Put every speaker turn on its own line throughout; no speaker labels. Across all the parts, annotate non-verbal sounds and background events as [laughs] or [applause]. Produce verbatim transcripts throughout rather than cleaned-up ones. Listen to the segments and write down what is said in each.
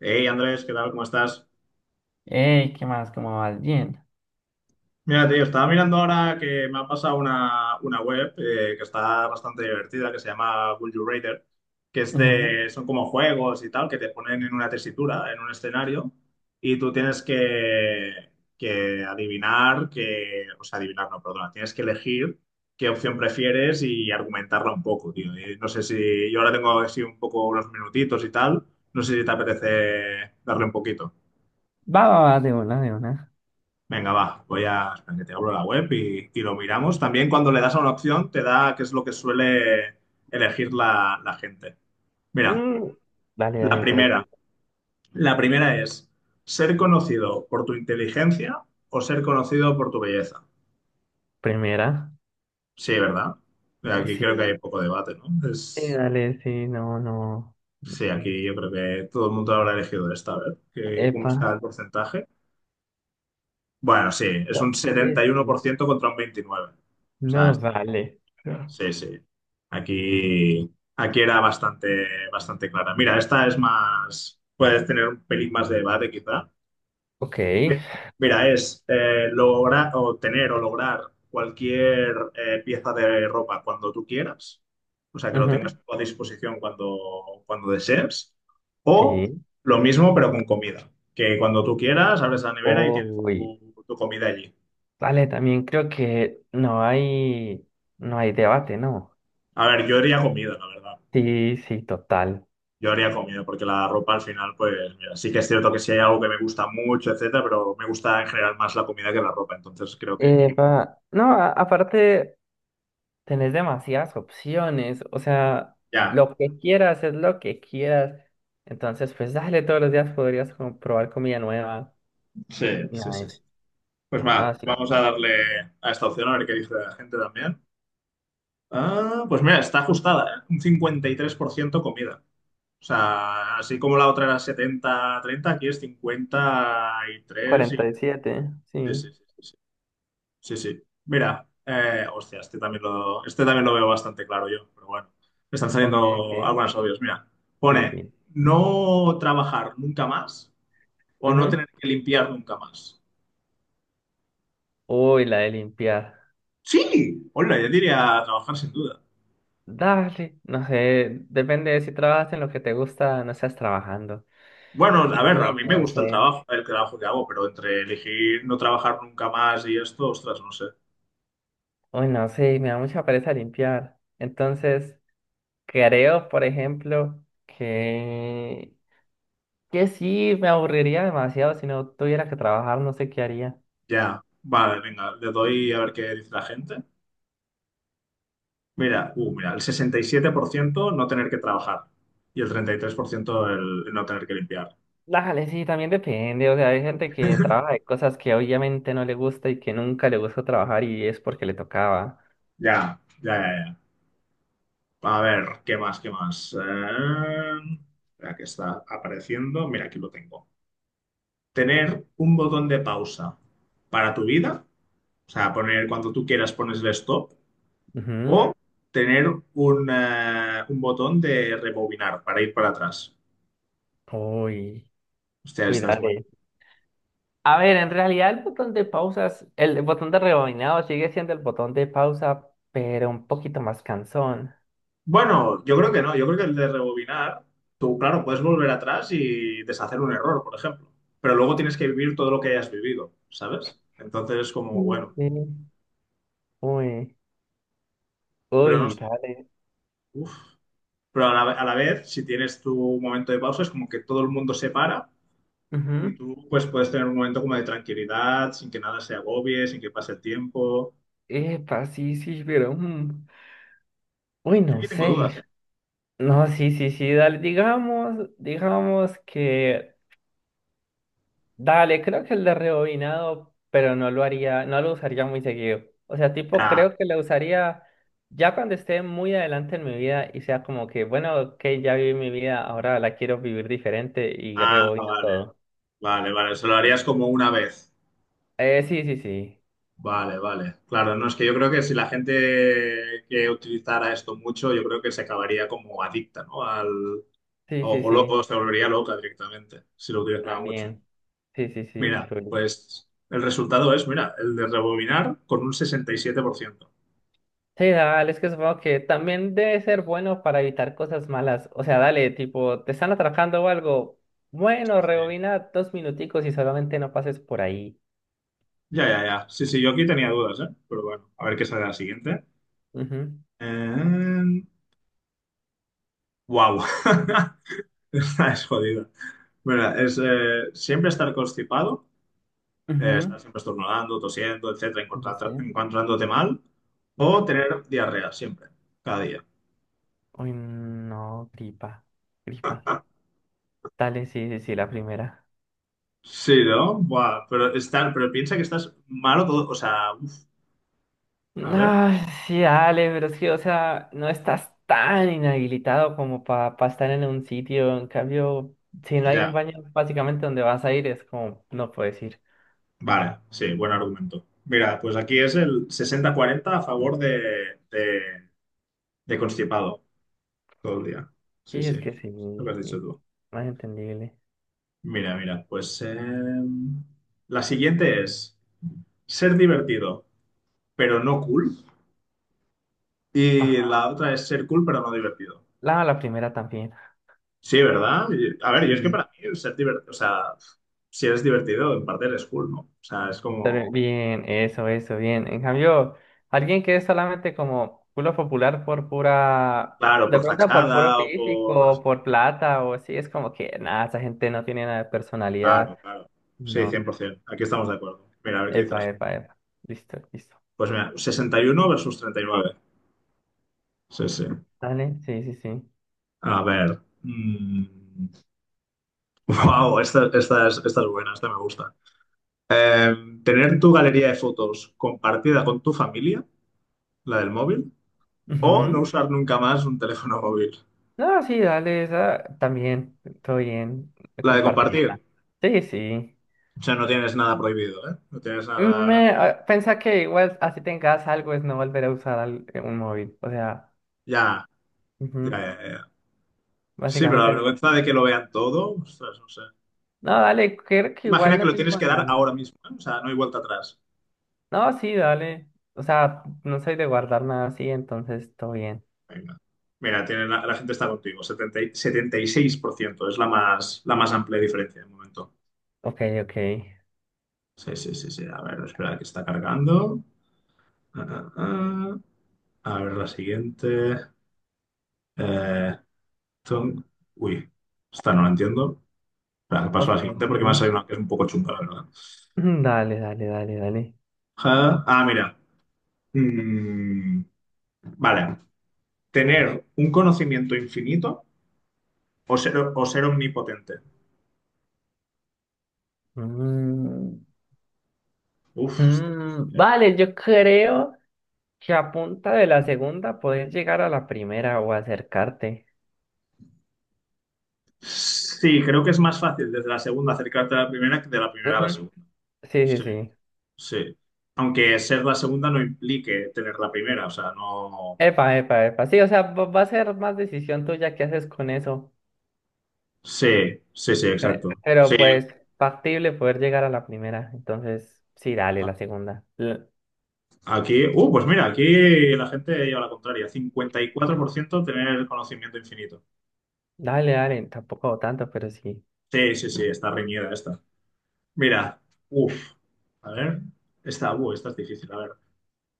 Hey Andrés, ¿qué tal? ¿Cómo estás?
Ey, ¿qué más? ¿Cómo vas? Bien.
Mira, tío, estaba mirando ahora que me ha pasado una, una web eh, que está bastante divertida, que se llama Would You Rather, que es
Ujú.
de, son como juegos y tal, que te ponen en una tesitura, en un escenario, y tú tienes que, que adivinar que, o sea, adivinar, no, perdona, tienes que elegir qué opción prefieres y argumentarla un poco, tío. Y no sé si, yo ahora tengo así un poco unos minutitos y tal, no sé si te apetece darle un poquito.
Va, va, va, de una, de una.
Venga, va, voy a... espera, que te abro la web y, y lo miramos. También cuando le das a una opción te da qué es lo que suele elegir la, la gente. Mira,
Mm, Dale, dale,
la primera.
interesante.
La primera es ser conocido por tu inteligencia o ser conocido por tu belleza.
Primera.
Sí, ¿verdad?
Oh,
Aquí creo que
sí.
hay poco debate, ¿no?
Sí,
Es...
dale, sí, no, no.
Sí, aquí yo creo que todo el mundo habrá elegido esta. A ver, ¿qué- ¿cómo
Epa.
está el porcentaje? Bueno, sí, es
Ah,
un
sí,
setenta y uno por
sí.
ciento contra un veintinueve por ciento. O
No,
sea,
vale.
sí, sí. Aquí, aquí era bastante, bastante clara. Mira, esta es más, puedes tener un pelín más de debate quizá.
Ok.
Mi- Mira, es eh, lograr o tener o lograr cualquier eh, pieza de ropa cuando tú quieras, o sea, que lo
Ujú.
tengas a disposición cuando, cuando desees, o
Sí.
lo mismo pero con comida, que cuando tú quieras abres la nevera y tienes
Uy.
tu, tu comida allí.
Vale, también creo que no hay, no hay debate, ¿no?
A ver, yo diría comida, la verdad.
Sí, sí, total.
Yo haría comida, porque la ropa al final, pues, mira, sí que es cierto que sí hay algo que me gusta mucho, etcétera, pero me gusta en general más la comida que la ropa. Entonces creo que aquí.
Epa. No, a- aparte, tenés demasiadas opciones, o sea,
Ya,
lo que quieras es lo que quieras. Entonces, pues dale, todos los días podrías como probar comida nueva.
sí, sí, sí.
Nice.
Sí. Pues va,
Ah, sí,
vamos
sí.
a darle a esta opción a ver qué dice la gente también. Ah, pues mira, está ajustada, ¿eh? Un cincuenta y tres por ciento comida. O sea, así como la otra era setenta treinta aquí es cincuenta y tres
cuarenta
y...
y siete sí.
tres y... Sí, sí, sí, sí, sí. Sí, sí. Mira, eh, hostia, este también lo, este también lo veo bastante claro yo, pero bueno, me están
Ok, ok,
saliendo algunas obvias. Mira,
sí,
pone
sí.
no trabajar nunca más o no
Ujú.
tener que limpiar nunca más.
Uy, la de limpiar.
Sí, hola, yo diría trabajar sin duda.
Dale, no sé, depende de si trabajas en lo que te gusta, no estás trabajando.
Bueno, a
Y
ver, a
uy,
mí me
no
gusta el
sé,
trabajo, el trabajo que hago, pero entre elegir no trabajar nunca más y esto, ostras, no sé.
uy, no sé, me da mucha pereza limpiar. Entonces, creo, por ejemplo, que... que sí, me aburriría demasiado si no tuviera que trabajar, no sé qué haría.
Ya, vale, venga, le doy a ver qué dice la gente. Mira, uh, mira, el sesenta y siete por ciento no tener que trabajar y el treinta y tres por ciento el, el no tener que limpiar.
Dale, sí, también depende. O sea, hay gente que trabaja de cosas que obviamente no le gusta y que nunca le gusta trabajar y es porque le tocaba.
Ya, ya, ya, ya. A ver, ¿qué más, qué más? Eh, espera, que está apareciendo. Mira, aquí lo tengo. Tener un botón de pausa para tu vida, o sea, poner cuando tú quieras pones el stop,
Ujú.
o tener un, eh, un botón de rebobinar para ir para atrás.
Uy,
Hostia,
uy,
esta es
dale. A ver, en realidad el botón de pausas, el botón de rebobinado sigue siendo el botón de pausa, pero un poquito más cansón.
Bueno, yo creo que no. Yo creo que el de rebobinar, tú, claro, puedes volver atrás y deshacer un error, por ejemplo. Pero luego tienes que vivir todo lo que hayas vivido, ¿sabes? Entonces es como,
Sí,
bueno,
sí. Uy,
pero no
uy,
sé.
dale.
Uf. Pero a la, a la vez, si tienes tu momento de pausa, es como que todo el mundo se para y
Ujú.
tú pues puedes tener un momento como de tranquilidad, sin que nada se agobie, sin que pase el tiempo.
Epa, sí, sí, pero. mm, Uy,
Yo
no
aquí tengo
sé.
dudas, ¿eh?
No, sí, sí, sí, dale, digamos, digamos que, dale, creo que el de rebobinado, pero no lo haría, no lo usaría muy seguido. O sea, tipo,
Ya.
creo que lo usaría ya cuando esté muy adelante en mi vida y sea como que, bueno, ok, ya viví mi vida, ahora la quiero vivir diferente y
Ah,
rebobina
vale,
todo.
vale, vale. Se lo harías como una vez.
Eh, sí, sí, sí,
Vale, vale. Claro, no es que yo creo que si la gente que utilizara esto mucho, yo creo que se acabaría como adicta, ¿no? Al, o,
sí, sí,
o lo-
sí,
o se volvería loca directamente si lo utilizaba mucho.
también, sí, sí, sí,
Mira,
true.
pues el resultado es, mira, el de rebobinar con un sesenta y siete por ciento.
Sí, dale, es que supongo que también debe ser bueno para evitar cosas malas. O sea, dale, tipo, te están atracando o algo.
Sí,
Bueno,
sí.
rebobina dos minuticos y solamente no pases por ahí.
Ya, ya, ya. Sí, sí, yo aquí tenía dudas, ¿eh? Pero bueno, a ver qué sale la siguiente.
Ujú,
Wow. [laughs] Esta es jodida. Mira, es eh, siempre estar constipado eh,
ujú,
estar siempre estornudando, tosiendo, etcétera,
sí, sí,
encontrarte-
sí.
encontrándote mal, o
Ujú.
tener diarrea siempre, cada día.
Uy, no, gripa, gripa. Dale, sí, sí, sí, la primera.
Sí, ¿no? Buah, pero estar, pero piensa que estás malo todo, o sea, uf, a ver,
No, sí, dale, pero es que, o sea, no estás tan inhabilitado como para estar en un sitio. En cambio, si no hay un
ya,
baño básicamente donde vas a ir, es como, no puedes ir.
vale, sí, buen argumento. Mira, pues aquí es el sesenta cuarenta a favor de, de, de constipado todo el día. Sí,
Sí, es
sí,
que
lo que
sí,
has dicho
sí,
tú.
más entendible.
Mira, mira, pues eh, la siguiente es ser divertido, pero no cool, y
Ajá,
la otra es ser cool pero no divertido.
la, la primera también.
Sí, ¿verdad? Y- a ver, yo es que para
Sí,
mí el ser divertido, o sea, si eres divertido, en parte eres cool, ¿no? O sea, es
pero
como,
bien, eso, eso, bien. En cambio, alguien que es solamente como culo popular por pura,
claro,
de
por
pronto por puro
fachada o
físico,
por...
por plata o así, es como que nada, esa gente no tiene nada de
Claro,
personalidad.
claro.
Y
Sí,
no,
cien por ciento. Aquí estamos de acuerdo. Mira, a ver qué dice la
epa,
gente.
epa, epa. Listo, listo.
Pues mira, sesenta y uno versus treinta y nueve. Sí, sí.
Dale, sí, sí, sí.
A ver. Wow, [laughs] esta, esta es, esta es buena, esta me gusta. Eh, tener tu galería de fotos compartida con tu familia, la del móvil, O no
Ujú.
usar nunca más un teléfono móvil.
No, sí, dale, esa también, todo bien,
La de compartir.
compartirla. Sí, sí.
O sea, no tienes nada prohibido, ¿eh? No tienes nada.
Me, ah, pensa que igual así tengas algo es no volver a usar al- eh, un móvil. O sea,
Ya, ya,
ujú,
ya, ya. Sí, pero la
básicamente no.
vergüenza de que lo vean todo, ostras, no sé.
No, dale, creo que
Imagina
igual
que
no
lo tienes
tengo
que dar ahora
nada.
mismo, ¿eh? O sea, no hay vuelta atrás.
No, sí, dale. O sea, no soy de guardar nada así, entonces todo bien.
Venga. Mira, tiene la, la gente está contigo. Setenta y- setenta y seis por ciento es la más, la más amplia diferencia de momento.
Ok, ok.
Sí, sí, sí, sí. A ver, espera, que está cargando. Ah, ah, ah. A ver, la siguiente. Eh, ton- Uy, esta no la entiendo. Espera, que paso a
Ok.
la siguiente porque me ha
[clears throat]
salido una que es un poco chunga, la verdad.
Mm, Dale, dale, dale, dale.
Ja. Ah, mira. Mm, vale. ¿Tener un conocimiento infinito o ser, o ser omnipotente?
Mm,
Uf. Está
mm,
difícil, ¿eh?
vale, yo creo que a punta de la segunda podés llegar a la primera o acercarte.
Sí, creo que es más fácil desde la segunda acercarte a la primera que de la primera a la
Ujú,
segunda.
sí, sí,
Sí,
sí.
sí. Aunque ser la segunda no implique tener la primera, o sea, no.
Epa, epa, epa. Sí, o sea, va va a ser más decisión tuya qué haces con eso.
Sí, sí, sí, exacto.
Pe-
Sí.
Pero pues factible poder llegar a la primera. Entonces, sí, dale, la segunda. L-
Aquí, uh, pues mira, aquí la gente lleva la contraria. Cincuenta y cuatro por ciento tener conocimiento infinito.
Dale, dale, tampoco tanto, pero sí.
Sí, sí, sí, está reñida esta. Mira, uff, a ver, esta, uh, esta es difícil, a ver.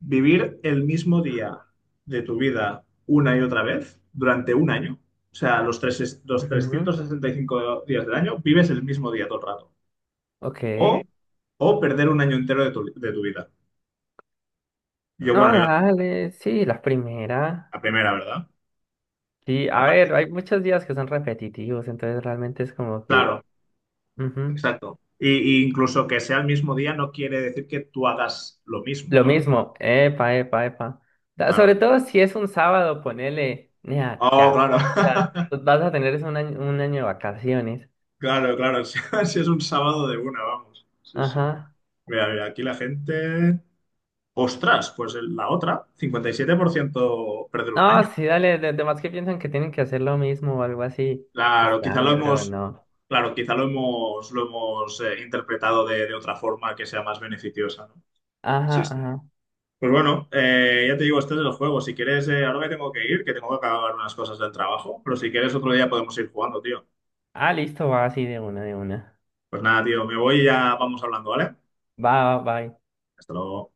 Vivir el mismo día de tu vida una y otra vez durante un año. O sea, los, tres, los
Ujú,
trescientos sesenta y cinco días del año vives el mismo día todo el rato.
ok.
O, o perder un año entero de tu, de tu vida. Yo,
No,
bueno, yo
dale, sí, la primera.
la primera, ¿verdad?
Sí, a
Aparte,
ver, hay muchos días que son repetitivos, entonces realmente es como que...
claro,
ujú.
exacto. Y, y incluso que sea el mismo día no quiere decir que tú hagas lo mismo,
Lo
¿no?
mismo, epa, epa, epa. Ta- Sobre
Claro.
todo si es un sábado, ponele, nea,
Oh,
ya.
claro.
O sea, tú
[laughs]
vas a tener es un año, un año de vacaciones.
Claro, claro. [laughs] Si, si es un sábado de una, vamos. Sí, sí.
Ajá.
Mira, mira, aquí la gente. Ostras, pues el- la otra, cincuenta y siete por ciento perder un
No,
año.
sí, dale, de, además que piensan que tienen que hacer lo mismo o algo así. Pues
Claro, quizá lo
dale, bro,
hemos,
no.
claro, quizá lo hemos, lo hemos eh, interpretado de, de otra forma que sea más beneficiosa, ¿no? Sí,
Ajá,
sí.
ajá.
Pues bueno, eh, ya te digo, este es el juego. Si quieres, eh, ahora me tengo que ir, que tengo que acabar unas cosas del trabajo, pero si quieres otro día podemos ir jugando, tío.
Ah, listo, va así de una, de una.
Pues nada, tío, me voy y ya vamos hablando, ¿vale?
Va, va, va.
Hasta luego.